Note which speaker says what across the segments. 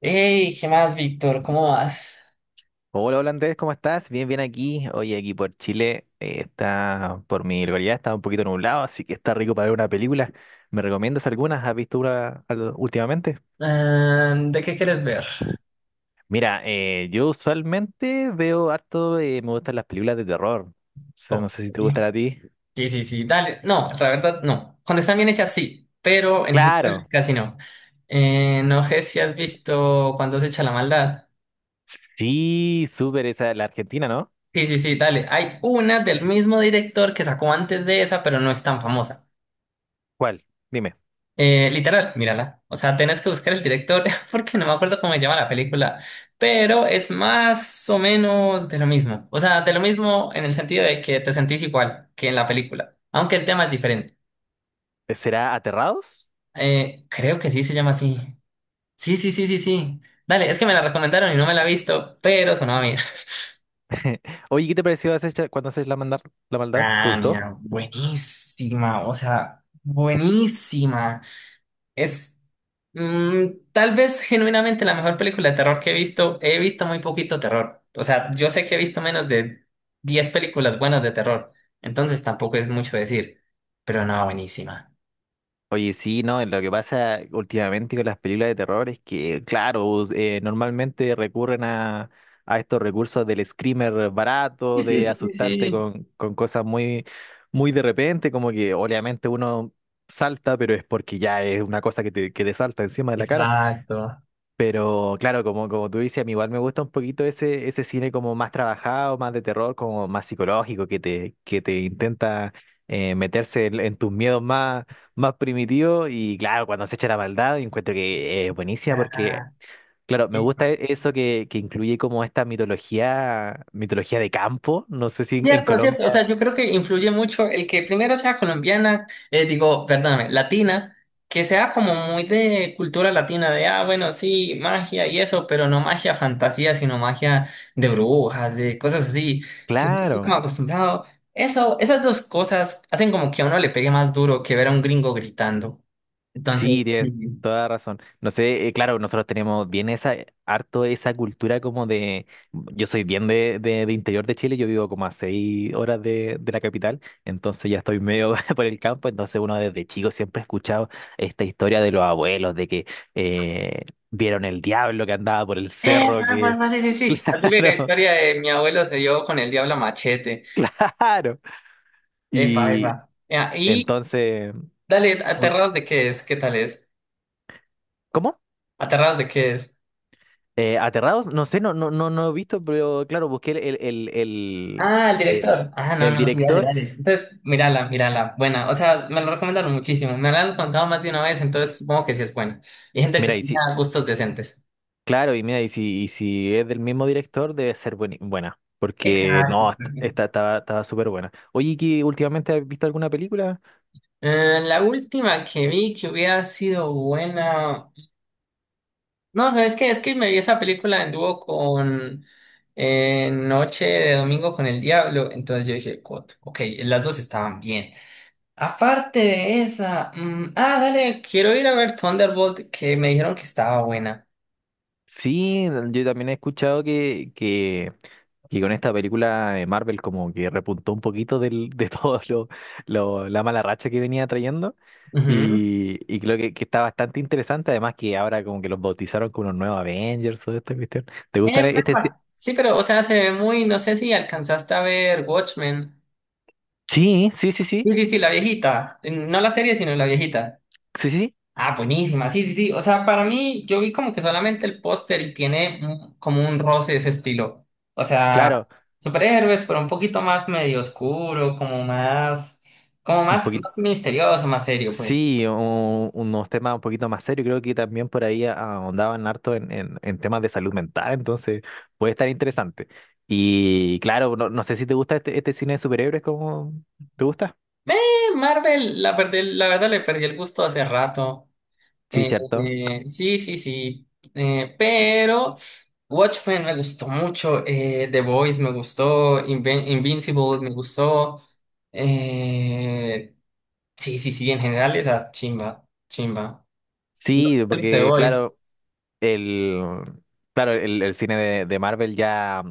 Speaker 1: Hey, ¿qué más, Víctor? ¿Cómo vas?
Speaker 2: Hola, hola Andrés, ¿cómo estás? Bien, bien aquí. Oye, aquí por Chile está, por mi localidad está un poquito nublado, así que está rico para ver una película. ¿Me recomiendas algunas? ¿Has visto una últimamente?
Speaker 1: Ah, ¿de qué quieres ver?
Speaker 2: Mira, yo usualmente veo harto, me gustan las películas de terror. O sea, no
Speaker 1: Ok.
Speaker 2: sé si te gustan a ti.
Speaker 1: Sí, sí, sí, dale. No, la verdad, no. Cuando están bien hechas, sí, pero en
Speaker 2: Claro,
Speaker 1: general casi no. No sé si has visto Cuando se echa la maldad.
Speaker 2: sí, súper esa, la Argentina, ¿no?
Speaker 1: Sí, sí, sí, dale. Hay una del mismo director que sacó antes de esa, pero no es tan famosa.
Speaker 2: ¿Cuál? Dime,
Speaker 1: Literal, mírala. O sea, tenés que buscar el director porque no me acuerdo cómo se llama la película, pero es más o menos de lo mismo. O sea, de lo mismo en el sentido de que te sentís igual que en la película, aunque el tema es diferente.
Speaker 2: ¿será Aterrados?
Speaker 1: Creo que sí se llama así. Sí, sí, sí, sí, sí. Dale, es que me la recomendaron y no me la he visto, pero sonaba bien.
Speaker 2: Oye, ¿qué te pareció cuando haces la maldad, la maldad? ¿Te
Speaker 1: Ah,
Speaker 2: gustó?
Speaker 1: mira, buenísima, o sea, buenísima. Mm, tal vez genuinamente la mejor película de terror que he visto muy poquito terror. O sea, yo sé que he visto menos de 10 películas buenas de terror, entonces tampoco es mucho decir, pero no, buenísima.
Speaker 2: Oye, sí, no, lo que pasa últimamente con las películas de terror es que, claro, normalmente recurren a estos recursos del screamer
Speaker 1: Sí,
Speaker 2: barato,
Speaker 1: sí,
Speaker 2: de
Speaker 1: sí, sí,
Speaker 2: asustarte
Speaker 1: sí.
Speaker 2: con cosas muy, muy de repente, como que obviamente uno salta, pero es porque ya es una cosa que que te salta encima de la cara.
Speaker 1: Exacto.
Speaker 2: Pero claro, como, como tú dices, a mí igual me gusta un poquito ese, ese cine como más trabajado, más de terror, como más psicológico, que que te intenta meterse en tus miedos más, más primitivos. Y claro, cuando se echa la maldad, encuentro que es buenísima porque,
Speaker 1: Ah,
Speaker 2: claro, me gusta eso que incluye como esta mitología, mitología de campo. No sé si en
Speaker 1: cierto, cierto. O
Speaker 2: Colombia.
Speaker 1: sea, yo creo que influye mucho el que primero sea colombiana, digo, perdóname, latina, que sea como muy de cultura latina, de, ah, bueno, sí, magia y eso, pero no magia fantasía, sino magia de brujas, de cosas así, que no estoy como
Speaker 2: Claro.
Speaker 1: acostumbrado. Eso, esas dos cosas hacen como que a uno le pegue más duro que ver a un gringo gritando. Entonces,
Speaker 2: Sí, tienes
Speaker 1: sí,
Speaker 2: toda la razón. No sé, claro, nosotros tenemos bien esa, harto esa cultura como de, yo soy bien de interior de Chile, yo vivo como a 6 horas de la capital, entonces ya estoy medio por el campo, entonces uno desde chico siempre ha escuchado esta historia de los abuelos, de que eh, vieron el diablo que andaba por el
Speaker 1: epa,
Speaker 2: cerro,
Speaker 1: epa,
Speaker 2: que,
Speaker 1: epa, sí, sí, sí. La típica
Speaker 2: claro,
Speaker 1: historia de mi abuelo se dio con el diablo a machete.
Speaker 2: claro.
Speaker 1: Epa,
Speaker 2: Y
Speaker 1: epa. Ya, y
Speaker 2: entonces,
Speaker 1: dale,
Speaker 2: uno,
Speaker 1: ¿Aterrados de qué es? ¿Qué tal es?
Speaker 2: ¿cómo?
Speaker 1: ¿Aterrados de qué es?
Speaker 2: ¿Aterrados? No sé, no, no, no, no he visto, pero claro, busqué
Speaker 1: Ah, el
Speaker 2: el-
Speaker 1: director. Ah, no,
Speaker 2: el
Speaker 1: no, sí, dale,
Speaker 2: director.
Speaker 1: dale. Entonces, mírala, mírala. Buena. O sea, me lo recomendaron muchísimo. Me la han contado más de una vez, entonces supongo que sí es buena. Y gente que
Speaker 2: Mira, y
Speaker 1: tenía
Speaker 2: si,
Speaker 1: gustos decentes.
Speaker 2: claro, y mira, y si es del mismo director, debe ser buena. Porque
Speaker 1: Exacto.
Speaker 2: no, esta estaba, estaba súper buena. Oye, ¿y ¿qué últimamente has visto alguna película?
Speaker 1: La última que vi que hubiera sido buena. No, ¿sabes qué? Es que me vi esa película en dúo con Noche de Domingo con el Diablo. Entonces yo dije, "Cot, ok, las dos estaban bien. Aparte de esa, mm, ah, dale, quiero ir a ver Thunderbolt, que me dijeron que estaba buena.
Speaker 2: Sí, yo también he escuchado que con esta película de Marvel como que repuntó un poquito de todo la mala racha que venía trayendo.
Speaker 1: Ujú.
Speaker 2: Y creo que está bastante interesante, además que ahora como que los bautizaron como los nuevos Avengers o esta cuestión. ¿Te gustan este? Ci-
Speaker 1: Papá. Sí, pero, o sea, se ve muy, no sé si alcanzaste a ver Watchmen.
Speaker 2: Sí, sí, sí, sí,
Speaker 1: Sí, sí, sí, la viejita. No la serie, sino la viejita.
Speaker 2: sí, sí, sí,
Speaker 1: Ah, buenísima, sí, sí, sí. O sea, para mí, yo vi como que solamente el póster y tiene un- como un roce de ese estilo. O sea,
Speaker 2: claro,
Speaker 1: superhéroes, pero un poquito más medio oscuro, como
Speaker 2: un
Speaker 1: más,
Speaker 2: poquito,
Speaker 1: más misterioso, más serio, pues.
Speaker 2: sí, unos temas un poquito más serios, creo que también por ahí ahondaban harto en temas de salud mental, entonces puede estar interesante. Y claro, no, no sé si te gusta este, este cine de superhéroes, ¿cómo te gusta?
Speaker 1: Marvel, la, perdí- la verdad le perdí el gusto hace rato.
Speaker 2: Sí, cierto.
Speaker 1: Sí, sí, sí. Pero Watchmen me gustó mucho. The Boys me gustó. Invin- Invincible me gustó. eh, sí, sí, sí. En general, esa chimba, chimba. ¿No
Speaker 2: Sí,
Speaker 1: te ¿Viste The
Speaker 2: porque
Speaker 1: Boys?
Speaker 2: claro, el... Claro, el cine de Marvel ya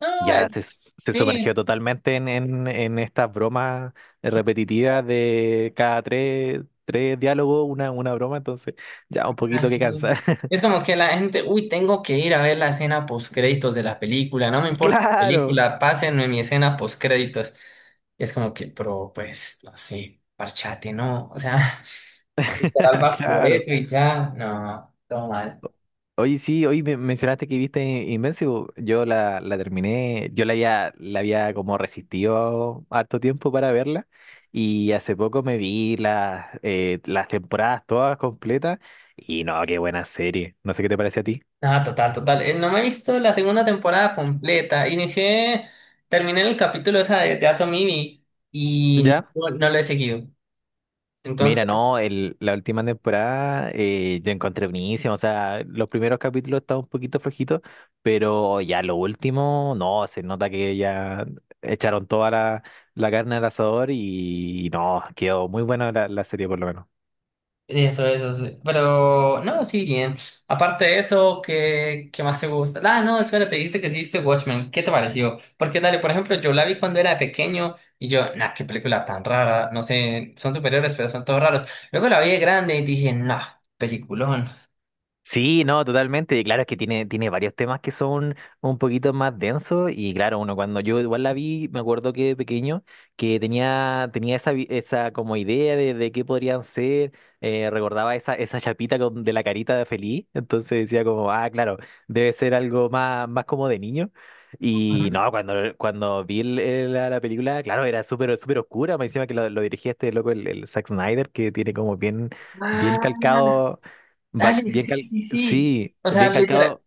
Speaker 1: No,
Speaker 2: Se sumergió
Speaker 1: sí.
Speaker 2: totalmente en estas bromas repetitivas de cada tres, tres diálogos, una broma, entonces ya un poquito que
Speaker 1: Así.
Speaker 2: cansa.
Speaker 1: Es como que la gente, uy, tengo que ir a ver la escena postcréditos de la película, no me importa la
Speaker 2: Claro,
Speaker 1: película, pásenme mi escena postcréditos. Y es como que, pero pues, no sé, parchate, ¿no? O sea, literal vas por
Speaker 2: claro.
Speaker 1: eso y ya, no, todo mal.
Speaker 2: Oye, sí, hoy mencionaste que viste Invencible. Yo la terminé, yo la había como resistido harto tiempo para verla y hace poco me vi las temporadas todas completas y no, qué buena serie. No sé qué te parece a ti.
Speaker 1: No, total, total. No me he visto la segunda temporada completa. Inicié, terminé el capítulo esa de Atom Ivy y
Speaker 2: ¿Ya?
Speaker 1: no, no lo he seguido.
Speaker 2: Mira,
Speaker 1: Entonces.
Speaker 2: no, el, la última temporada yo encontré buenísimo, o sea, los primeros capítulos estaban un poquito flojitos, pero ya lo último, no, se nota que ya echaron toda la, la carne al asador y, no, quedó muy buena la, la serie por lo menos.
Speaker 1: Eso, sí. Pero, no, sí, bien. Aparte de eso, ¿qué, qué más te gusta? Ah, no, espérate, dijiste que sí viste Watchmen. ¿Qué te pareció? Porque, dale, por ejemplo, yo la vi cuando era pequeño y yo, nah, qué película tan rara. No sé, son superiores, pero son todos raros. Luego la vi de grande y dije, nah, peliculón.
Speaker 2: Sí, no, totalmente. Y claro, es que tiene, tiene varios temas que son un poquito más densos. Y claro, uno cuando yo igual la vi, me acuerdo que de pequeño, que tenía, tenía esa, esa como idea de qué podrían ser. Recordaba esa, esa chapita de la carita de feliz. Entonces decía como, ah, claro, debe ser algo más, más como de niño. Y
Speaker 1: Ajá.
Speaker 2: no, cuando, cuando vi la película, claro, era súper, súper oscura. Me encima que lo dirigía este loco, el Zack Snyder, que tiene como bien, bien
Speaker 1: Ah,
Speaker 2: calcado Va-
Speaker 1: dale,
Speaker 2: bien
Speaker 1: sí,
Speaker 2: cal-
Speaker 1: sí, sí.
Speaker 2: sí,
Speaker 1: O sea,
Speaker 2: bien
Speaker 1: literal,
Speaker 2: calcado.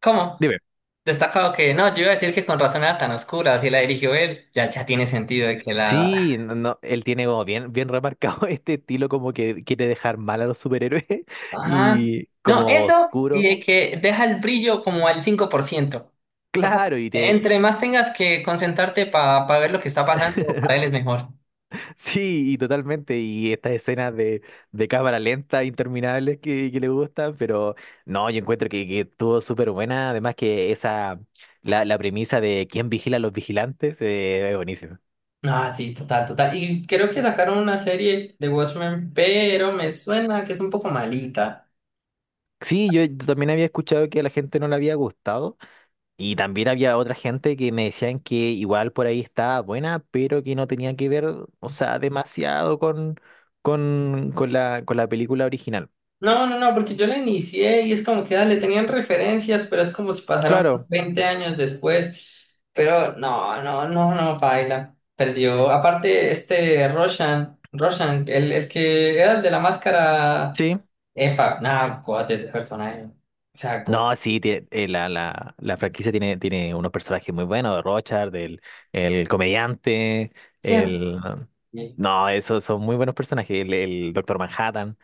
Speaker 1: ¿cómo?
Speaker 2: Dime.
Speaker 1: Destacado que, no, yo iba a decir que con razón era tan oscura, así la dirigió él. Ya, ya tiene sentido de que la
Speaker 2: Sí, no, no, él tiene como bien, bien remarcado este estilo como que quiere dejar mal a los superhéroes
Speaker 1: ajá.
Speaker 2: y
Speaker 1: No,
Speaker 2: como
Speaker 1: eso y
Speaker 2: oscuro.
Speaker 1: de que deja el brillo como al 5%. O sea,
Speaker 2: Claro, y te...
Speaker 1: entre más tengas que concentrarte para ver lo que está pasando, para él es mejor.
Speaker 2: Sí, y totalmente. Y estas escenas de cámara lenta interminables que le gustan, pero no, yo encuentro que estuvo súper buena. Además que esa, la premisa de quién vigila a los vigilantes, es buenísima.
Speaker 1: Ah, sí, total, total. Y creo que sacaron una serie de Watchmen, pero me suena que es un poco malita.
Speaker 2: Sí, yo también había escuchado que a la gente no le había gustado. Y también había otra gente que me decían que igual por ahí estaba buena, pero que no tenía que ver, o sea, demasiado con la película original.
Speaker 1: No, no, no, porque yo la inicié y es como que le tenían referencias, pero es como si pasaron
Speaker 2: Claro,
Speaker 1: 20 años después. Pero no, no, no, no, baila. Perdió. Aparte, este Roshan, Roshan, el que era el de la máscara.
Speaker 2: sí.
Speaker 1: Epa, nada, God, ese personaje. O sea, God,
Speaker 2: No, sí, la, la, la franquicia tiene, tiene unos personajes muy buenos, de Rochard, el comediante,
Speaker 1: siempre.
Speaker 2: el...
Speaker 1: Sí.
Speaker 2: No, esos son muy buenos personajes, el Doctor Manhattan.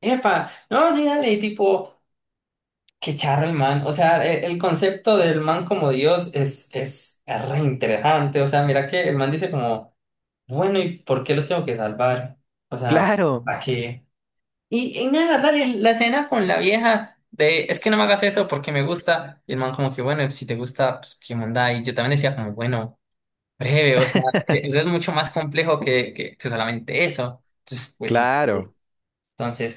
Speaker 1: Epa, no, sí, dale, tipo, qué charro el man. O sea, el concepto del man como Dios es re interesante. O sea, mira que el man dice como. Bueno, ¿y por qué los tengo que salvar? O sea,
Speaker 2: Claro,
Speaker 1: ¿para qué? Y nada, dale, la escena con la vieja de, es que no me hagas eso porque me gusta. Y el man como que, bueno, si te gusta, pues qué onda. Y yo también decía como, bueno, breve, o sea, eso es mucho más complejo que solamente eso. Entonces, pues sí.
Speaker 2: claro.
Speaker 1: Sí.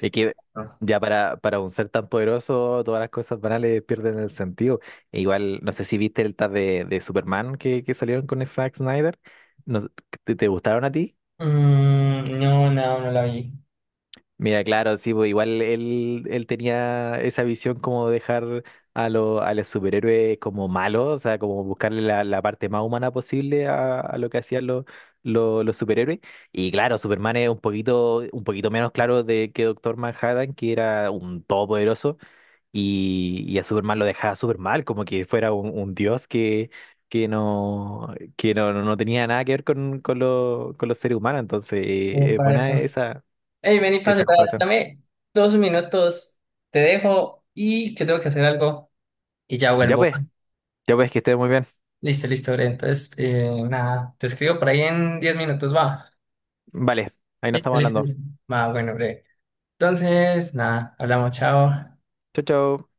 Speaker 2: Es que
Speaker 1: no,
Speaker 2: ya para un ser tan poderoso, todas las cosas banales pierden el sentido. E igual, no sé si viste el tag de Superman que salieron con Zack Snyder. No sé, ¿te, te gustaron a ti?
Speaker 1: mm, no, no, no la vi.
Speaker 2: Mira, claro, sí, pues igual él, él tenía esa visión como dejar a, lo, a los superhéroes como malos, o sea, como buscarle la, la parte más humana posible a lo que hacían los superhéroes. Y claro, Superman es un poquito menos claro de que Doctor Manhattan, que era un todopoderoso. Y a Superman lo dejaba súper mal, como que fuera un dios que no, no no tenía nada que ver con, con los seres humanos. Entonces, es
Speaker 1: Epa,
Speaker 2: buena
Speaker 1: epa.
Speaker 2: esa,
Speaker 1: Hey, vení,
Speaker 2: esa
Speaker 1: pase, para-
Speaker 2: comparación.
Speaker 1: dame 2 minutos, te dejo y que tengo que hacer algo y ya
Speaker 2: Ya
Speaker 1: vuelvo.
Speaker 2: pues, ya pues, que estés muy bien.
Speaker 1: Listo, listo, Bren. Entonces, nada, te escribo por ahí en 10 minutos, va.
Speaker 2: Vale, ahí nos
Speaker 1: Listo,
Speaker 2: estamos
Speaker 1: listo,
Speaker 2: hablando.
Speaker 1: listo. Va, bueno, breve. Entonces, nada, hablamos, chao.
Speaker 2: Chau, chau.